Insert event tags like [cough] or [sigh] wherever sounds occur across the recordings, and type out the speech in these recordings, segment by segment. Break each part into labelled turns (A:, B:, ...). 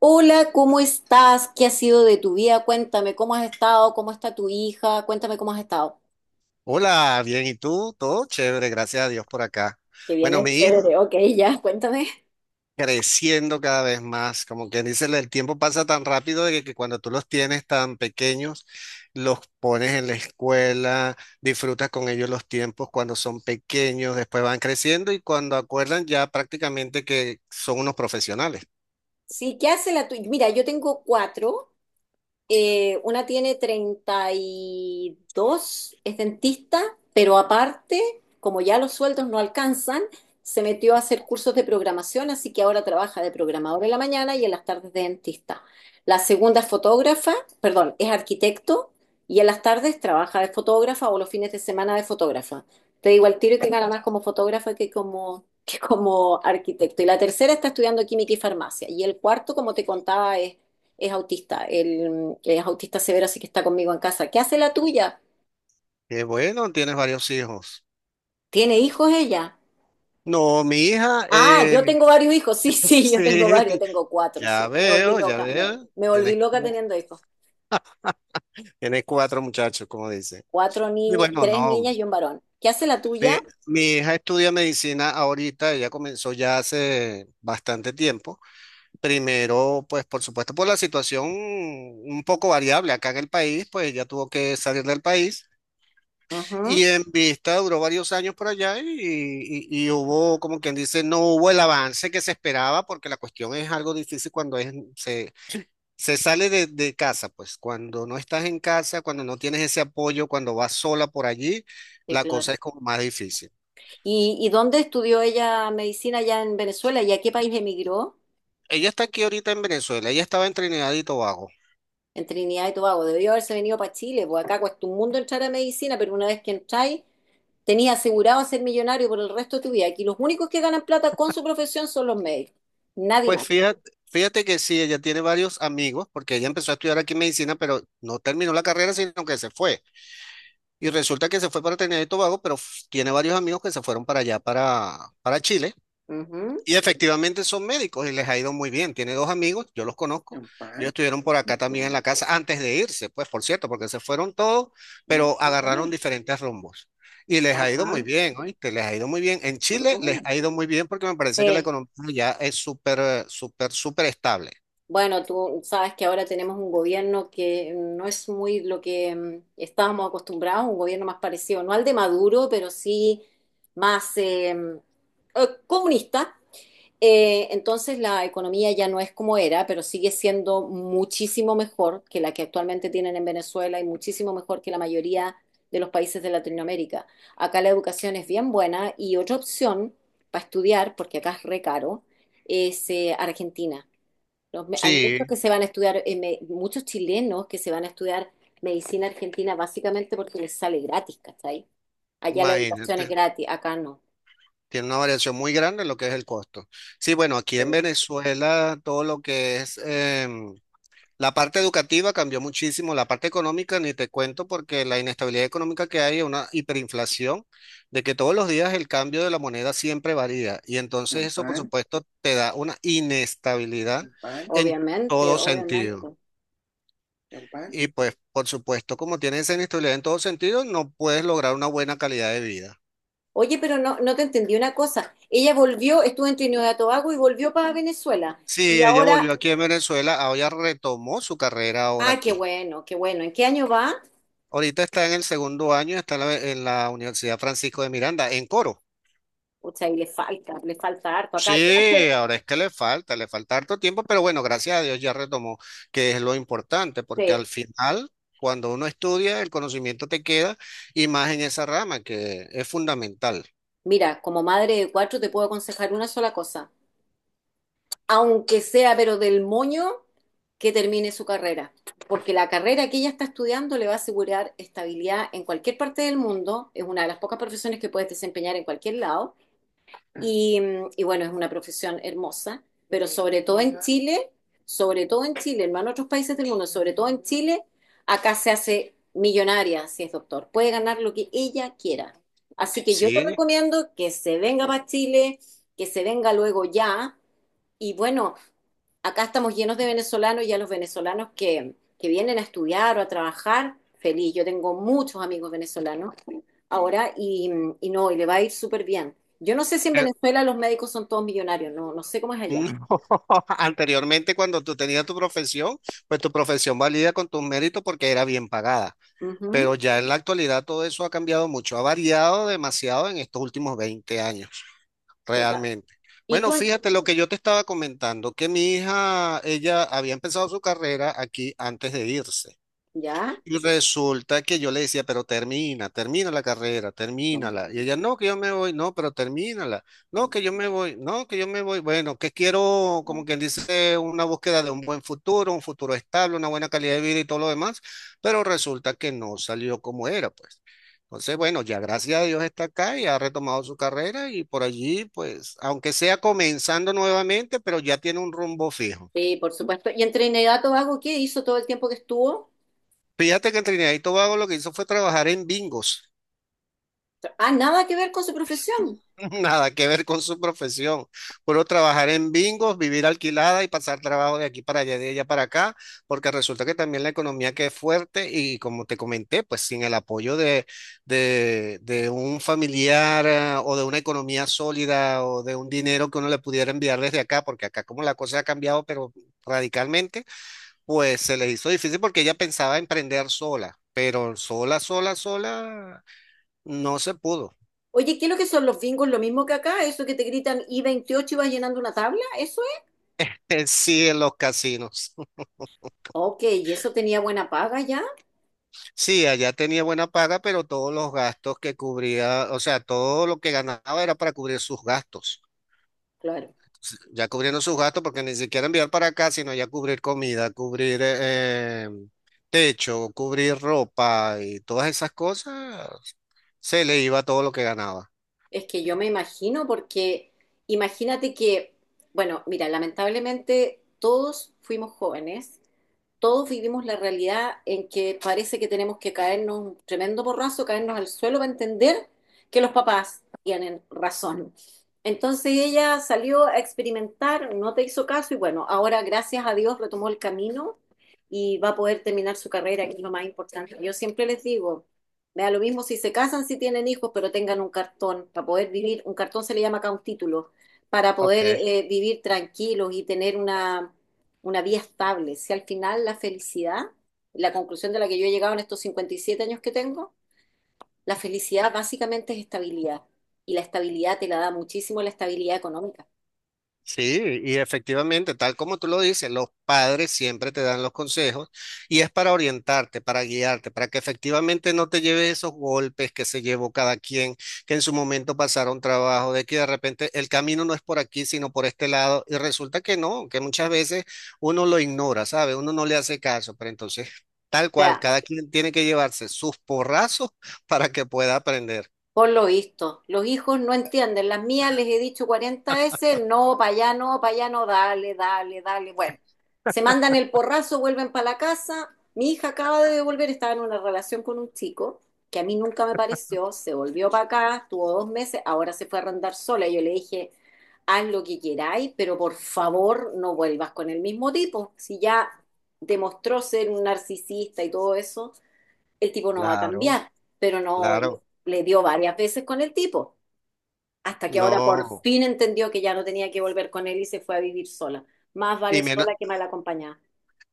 A: Hola, ¿cómo estás? ¿Qué ha sido de tu vida? Cuéntame, ¿cómo has estado? ¿Cómo está tu hija? Cuéntame cómo has estado.
B: Hola, bien, ¿y tú? Todo chévere, gracias a Dios por acá.
A: Que
B: Bueno,
A: viene
B: mi hija
A: chévere, ok, ya, cuéntame.
B: creciendo cada vez más, como quien dice, el tiempo pasa tan rápido de que cuando tú los tienes tan pequeños, los pones en la escuela, disfrutas con ellos los tiempos cuando son pequeños, después van creciendo y cuando acuerdan ya prácticamente que son unos profesionales.
A: Sí, ¿qué hace la tuya? Mira, yo tengo cuatro. Una tiene 32, es dentista, pero aparte, como ya los sueldos no alcanzan, se metió a hacer cursos de programación, así que ahora trabaja de programador en la mañana y en las tardes de dentista. La segunda es fotógrafa, perdón, es arquitecto y en las tardes trabaja de fotógrafa o los fines de semana de fotógrafa. Te digo al tiro que gana más como fotógrafa que como arquitecto. Y la tercera está estudiando química y farmacia. Y el cuarto, como te contaba, es autista, él es autista severo, así que está conmigo en casa. ¿Qué hace la tuya?
B: Qué bueno, tienes varios hijos.
A: ¿Tiene hijos ella?
B: No, mi hija,
A: Ah, yo tengo varios hijos, [laughs] sí,
B: [laughs]
A: sí, yo tengo varios,
B: sí,
A: tengo cuatro, sí. Me volví
B: ya
A: loca, me,
B: veo,
A: me volví
B: tienes,
A: loca teniendo hijos.
B: tienes cuatro muchachos, como dicen.
A: Cuatro
B: Y
A: niñas,
B: bueno,
A: tres
B: no.
A: niñas y un varón. ¿Qué hace la tuya?
B: Mi, mi hija estudia medicina ahorita, ella comenzó ya hace bastante tiempo. Primero, pues por supuesto, por la situación un poco variable acá en el país, pues ella tuvo que salir del país
A: Ujú.
B: y en vista duró varios años por allá y hubo, como quien dice, no hubo el avance que se esperaba porque la cuestión es algo difícil cuando se sale de casa, pues cuando no estás en casa, cuando no tienes ese apoyo, cuando vas sola por allí,
A: Sí,
B: la cosa
A: claro.
B: es como más difícil.
A: ¿Y dónde estudió ella medicina allá en Venezuela y a qué país emigró?
B: Ella está aquí ahorita en Venezuela, ella estaba en Trinidad y Tobago.
A: En Trinidad y Tobago. Debió haberse venido para Chile, porque acá cuesta un mundo entrar a medicina, pero una vez que entráis, tenías asegurado ser millonario por el resto de tu vida. Aquí los únicos que ganan plata con su profesión son los médicos, nadie
B: Pues
A: más.
B: fíjate, fíjate que sí, ella tiene varios amigos, porque ella empezó a estudiar aquí medicina, pero no terminó la carrera, sino que se fue. Y resulta que se fue para Trinidad y Tobago, pero tiene varios amigos que se fueron para allá, para Chile.
A: Ujú.
B: Y efectivamente son médicos y les ha ido muy bien. Tiene dos amigos, yo los conozco. Ellos estuvieron por acá también en la casa antes de irse, pues por cierto, porque se fueron todos, pero agarraron diferentes rumbos. Y les ha ido muy
A: Acá.
B: bien, ¿oíste? Les ha ido muy bien. En Chile les ha ido muy bien porque me parece que la
A: Sí.
B: economía ya es súper, súper, súper estable.
A: Bueno, tú sabes que ahora tenemos un gobierno que no es muy lo que estábamos acostumbrados, un gobierno más parecido, no al de Maduro, pero sí más comunista. Entonces la economía ya no es como era, pero sigue siendo muchísimo mejor que la que actualmente tienen en Venezuela y muchísimo mejor que la mayoría de los países de Latinoamérica. Acá la educación es bien buena y otra opción para estudiar, porque acá es re caro, es Argentina. Hay muchos
B: Sí,
A: que se van a estudiar, muchos chilenos que se van a estudiar medicina argentina básicamente porque les sale gratis, ¿cachai? Allá la educación es
B: imagínate.
A: gratis, acá no.
B: Tiene una variación muy grande en lo que es el costo. Sí, bueno, aquí en
A: Eh,
B: Venezuela todo lo que es. La parte educativa cambió muchísimo, la parte económica ni te cuento porque la inestabilidad económica que hay es una hiperinflación, de que todos los días el cambio de la moneda siempre varía y entonces eso por supuesto te da una inestabilidad en
A: Obviamente,
B: todo
A: obviamente.
B: sentido. Y pues por supuesto como tienes esa inestabilidad en todo sentido no puedes lograr una buena calidad de vida.
A: Oye, pero no, no te entendí una cosa. Ella volvió, estuvo en Trinidad y Tobago y volvió para Venezuela. Y
B: Sí, ella
A: ahora,
B: volvió aquí en Venezuela, ahora retomó su carrera ahora
A: ah, qué
B: aquí.
A: bueno, qué bueno. ¿En qué año va?
B: Ahorita está en el segundo año, está en en la Universidad Francisco de Miranda, en Coro.
A: Pucha, ahí le falta harto acá. Yo no sé,
B: Sí, ahora es que le falta harto tiempo, pero bueno, gracias a Dios ya retomó, que es lo importante, porque al
A: sí.
B: final, cuando uno estudia, el conocimiento te queda y más en esa rama, que es fundamental.
A: Mira, como madre de cuatro te puedo aconsejar una sola cosa. Aunque sea, pero del moño, que termine su carrera. Porque la carrera que ella está estudiando le va a asegurar estabilidad en cualquier parte del mundo. Es una de las pocas profesiones que puedes desempeñar en cualquier lado. Y bueno, es una profesión hermosa, pero sobre todo en Chile, sobre todo en Chile, hermano, otros países del mundo, sobre todo en Chile, acá se hace millonaria si es doctor. Puede ganar lo que ella quiera. Así que yo te
B: Sí,
A: recomiendo que se venga para Chile, que se venga luego ya. Y bueno, acá estamos llenos de venezolanos y a los venezolanos que vienen a estudiar o a trabajar, feliz. Yo tengo muchos amigos venezolanos ahora y no, y le va a ir súper bien. Yo no sé si en
B: eh,
A: Venezuela los médicos son todos millonarios, no, no sé cómo es
B: mm,
A: allá.
B: [laughs] anteriormente cuando tú tenías tu profesión, pues tu profesión valía con tus méritos porque era bien pagada,
A: Ujú,
B: pero ya en la actualidad todo eso ha cambiado mucho, ha variado demasiado en estos últimos 20 años
A: total.
B: realmente.
A: ¿Y
B: Bueno,
A: tú?
B: fíjate lo que yo te estaba comentando, que mi hija, ella había empezado su carrera aquí antes de irse.
A: Ya,
B: Y resulta que yo le decía, pero termina, termina la carrera, termínala. Y ella, no, que yo me voy, no, pero termínala. No, que yo me voy, no, que yo me voy. Bueno, que quiero, como quien dice, una búsqueda de un buen futuro, un futuro estable, una buena calidad de vida y todo lo demás. Pero resulta que no salió como era, pues. Entonces, bueno, ya gracias a Dios está acá y ha retomado su carrera y por allí, pues, aunque sea comenzando nuevamente, pero ya tiene un rumbo fijo.
A: sí, por supuesto. ¿Y en Trinidad y Tobago qué hizo todo el tiempo que estuvo?
B: Fíjate que en Trinidad y Tobago lo que hizo fue trabajar en bingos.
A: Ah, nada que ver con su profesión.
B: [laughs] Nada que ver con su profesión. Puro trabajar en bingos, vivir alquilada y pasar trabajo de aquí para allá, de allá para acá, porque resulta que también la economía que es fuerte y como te comenté, pues sin el apoyo de un familiar ah, o de una economía sólida o de un dinero que uno le pudiera enviar desde acá, porque acá como la cosa ha cambiado, pero radicalmente, pues se le hizo difícil porque ella pensaba emprender sola, pero sola, sola, sola, no se pudo. [laughs]
A: Oye, ¿qué es lo que son los bingos? Lo mismo que acá, eso que te gritan i 28 y vas llenando una tabla, ¿eso es?
B: Sí, en los casinos.
A: Ok, ¿y eso tenía buena paga ya?
B: Sí, allá tenía buena paga, pero todos los gastos que cubría, o sea, todo lo que ganaba era para cubrir sus gastos.
A: Claro.
B: Ya cubriendo sus gastos, porque ni siquiera enviar para acá, sino ya cubrir comida, cubrir techo, cubrir ropa y todas esas cosas, se le iba todo lo que ganaba.
A: Es que yo me imagino porque imagínate que, bueno, mira, lamentablemente todos fuimos jóvenes. Todos vivimos la realidad en que parece que tenemos que caernos un tremendo porrazo, caernos al suelo para entender que los papás tienen razón. Entonces ella salió a experimentar, no te hizo caso y bueno, ahora gracias a Dios retomó el camino y va a poder terminar su carrera, que es lo más importante. Yo siempre les digo, me da lo mismo si se casan, si tienen hijos, pero tengan un cartón para poder vivir, un cartón se le llama acá un título, para
B: Ok.
A: poder vivir tranquilos y tener una vía estable. Si al final la felicidad, la conclusión de la que yo he llegado en estos 57 años que tengo, la felicidad básicamente es estabilidad. Y la estabilidad te la da muchísimo la estabilidad económica.
B: Sí, y efectivamente, tal como tú lo dices, los padres siempre te dan los consejos y es para orientarte, para guiarte, para que efectivamente no te lleves esos golpes que se llevó cada quien, que en su momento pasaron trabajo, de que de repente el camino no es por aquí, sino por este lado, y resulta que no, que muchas veces uno lo ignora, ¿sabe? Uno no le hace caso, pero entonces,
A: O
B: tal cual,
A: sea,
B: cada quien tiene que llevarse sus porrazos [laughs] para que pueda aprender.
A: por lo visto, los hijos no entienden. Las mías les he dicho 40 veces, no, para allá no, para allá no, dale, dale, dale. Bueno, se mandan el porrazo, vuelven para la casa. Mi hija acaba de devolver, estaba en una relación con un chico que a mí nunca me pareció, se volvió para acá, estuvo 2 meses, ahora se fue a arrendar sola. Y yo le dije, haz lo que queráis, pero por favor no vuelvas con el mismo tipo. Si ya demostró ser un narcisista y todo eso, el tipo no va a
B: Claro,
A: cambiar, pero no le
B: claro,
A: le dio varias veces con el tipo, hasta que ahora por
B: no.
A: fin entendió que ya no tenía que volver con él y se fue a vivir sola. Más vale
B: Y menos.
A: sola que mal acompañada.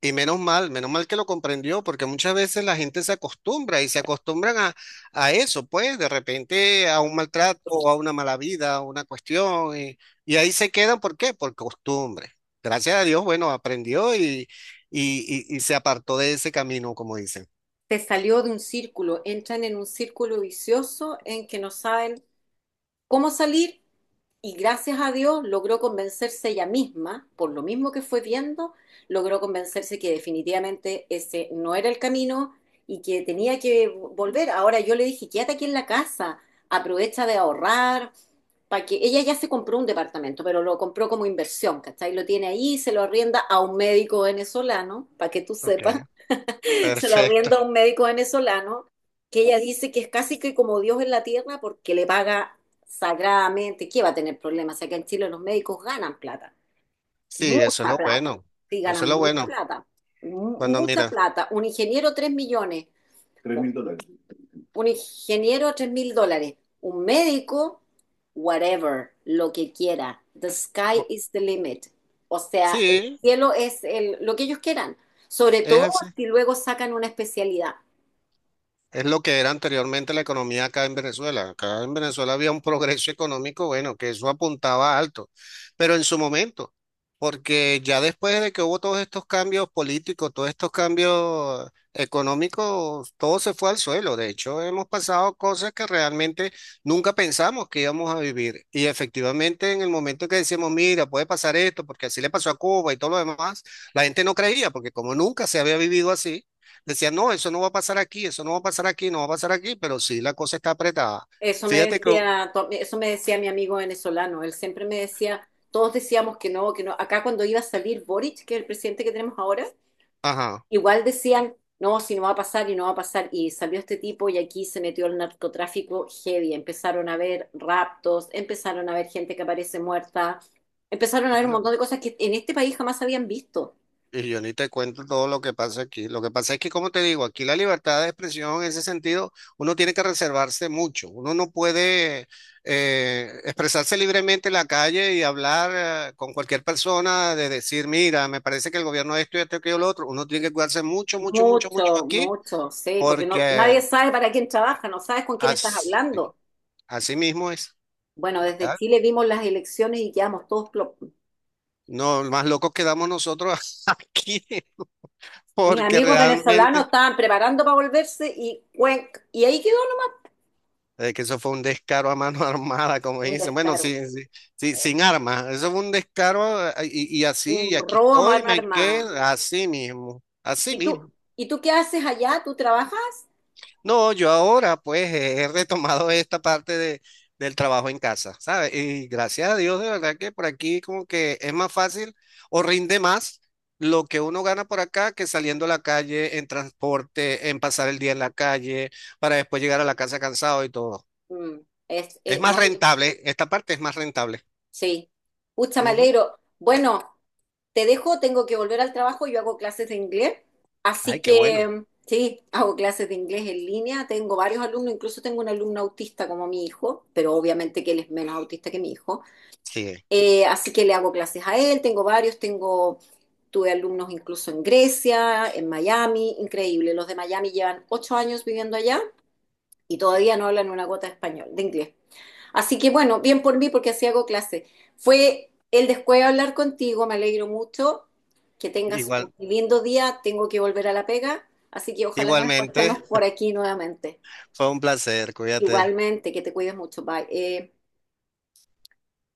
B: Y menos mal que lo comprendió, porque muchas veces la gente se acostumbra y se acostumbran a eso, pues de repente a un maltrato o a una mala vida, a una cuestión, y ahí se quedan, ¿por qué? Por costumbre. Gracias a Dios, bueno, aprendió y se apartó de ese camino, como dicen.
A: Se salió de un círculo, entran en un círculo vicioso en que no saben cómo salir y gracias a Dios logró convencerse ella misma, por lo mismo que fue viendo, logró convencerse que definitivamente ese no era el camino y que tenía que volver. Ahora yo le dije, quédate aquí en la casa, aprovecha de ahorrar, para que ella ya se compró un departamento, pero lo compró como inversión, ¿cachai? Lo tiene ahí, se lo arrienda a un médico venezolano, para que tú
B: Ok,
A: sepas, se lo arrienda a
B: perfecto.
A: un médico venezolano que ella dice que es casi que como Dios en la tierra porque le paga sagradamente. ¿Qué va a tener problemas? O sea, que en Chile los médicos ganan plata,
B: Sí, eso es
A: mucha
B: lo
A: plata.
B: bueno,
A: Sí,
B: eso es
A: ganan
B: lo
A: mucha
B: bueno.
A: plata,
B: Cuando
A: mucha
B: mira,
A: plata. Un ingeniero 3 millones. Tres un mil dólares. Un ingeniero 3.000 dólares, un médico, whatever, lo que quiera. The sky
B: bo-
A: is the limit. O sea, el
B: sí,
A: cielo es lo que ellos quieran. Sobre
B: es
A: todo
B: así.
A: si luego sacan una especialidad.
B: Es lo que era anteriormente la economía acá en Venezuela. Acá en Venezuela había un progreso económico, bueno, que eso apuntaba alto, pero en su momento, porque ya después de que hubo todos estos cambios políticos, todos estos cambios económicos, todo se fue al suelo. De hecho, hemos pasado cosas que realmente nunca pensamos que íbamos a vivir. Y efectivamente, en el momento que decimos, mira, puede pasar esto, porque así le pasó a Cuba y todo lo demás, la gente no creía, porque como nunca se había vivido así. Decía, no, eso no va a pasar aquí, eso no va a pasar aquí, no va a pasar aquí, pero sí la cosa está apretada.
A: Eso me
B: Fíjate que,
A: decía, eso me decía mi amigo venezolano. Él siempre me decía, todos decíamos que no, que no. Acá cuando iba a salir Boric, que es el presidente que tenemos ahora,
B: ajá,
A: igual decían, no, si no va a pasar y no va a pasar. Y salió este tipo y aquí se metió el narcotráfico heavy. Empezaron a haber raptos, empezaron a haber gente que aparece muerta, empezaron a haber un
B: bueno,
A: montón de cosas que en este país jamás habían visto.
B: y yo ni te cuento todo lo que pasa aquí. Lo que pasa es que, como te digo, aquí la libertad de expresión en ese sentido, uno tiene que reservarse mucho. Uno no puede expresarse libremente en la calle y hablar con cualquier persona de decir, mira, me parece que el gobierno esto y esto y lo otro. Uno tiene que cuidarse mucho, mucho, mucho, mucho
A: Mucho,
B: aquí,
A: mucho, sí, porque no,
B: porque
A: nadie sabe para quién trabaja, no sabes con quién estás
B: así,
A: hablando.
B: así mismo es.
A: Bueno, desde Chile vimos las elecciones y quedamos todos plo-.
B: No, más locos quedamos nosotros [laughs] aquí,
A: Mis
B: porque
A: amigos venezolanos
B: realmente
A: estaban preparando para volverse y ahí quedó.
B: que eso fue un descaro a mano [laughs] armada, como
A: ¿No? Un
B: dicen. Bueno,
A: descaro,
B: sí, sí,
A: eh,
B: sin armas. Eso fue un descaro y así, y
A: un
B: aquí
A: robo a
B: estoy,
A: mano
B: me quedé
A: armada.
B: así mismo, así
A: ¿Y tú,
B: mismo.
A: y tú qué haces allá? ¿Tú trabajas?
B: No, yo ahora pues he retomado esta parte del trabajo en casa, ¿sabes? Y gracias a Dios, de verdad que por aquí como que es más fácil o rinde más lo que uno gana por acá que saliendo a la calle en transporte, en pasar el día en la calle, para después llegar a la casa cansado y todo.
A: Mm,
B: Es más
A: no hay,
B: rentable, esta parte es más rentable.
A: sí. Pucha, me
B: Ujú.
A: alegro. Bueno, te dejo, tengo que volver al trabajo, yo hago clases de inglés, así
B: Ay, qué bueno.
A: que sí, hago clases de inglés en línea, tengo varios alumnos, incluso tengo un alumno autista como mi hijo, pero obviamente que él es menos autista que mi hijo.
B: Sí,
A: Así que le hago clases a él, tengo varios, tengo, tuve alumnos incluso en Grecia, en Miami, increíble. Los de Miami llevan 8 años viviendo allá y todavía no hablan una gota de español, de inglés. Así que bueno, bien por mí porque así hago clases. Fue el después de hablar contigo, me alegro mucho. Que tengas
B: igual,
A: un lindo día, tengo que volver a la pega, así que ojalá nos
B: igualmente
A: encontremos por aquí nuevamente.
B: fue un placer, cuídate.
A: Igualmente, que te cuides mucho, bye.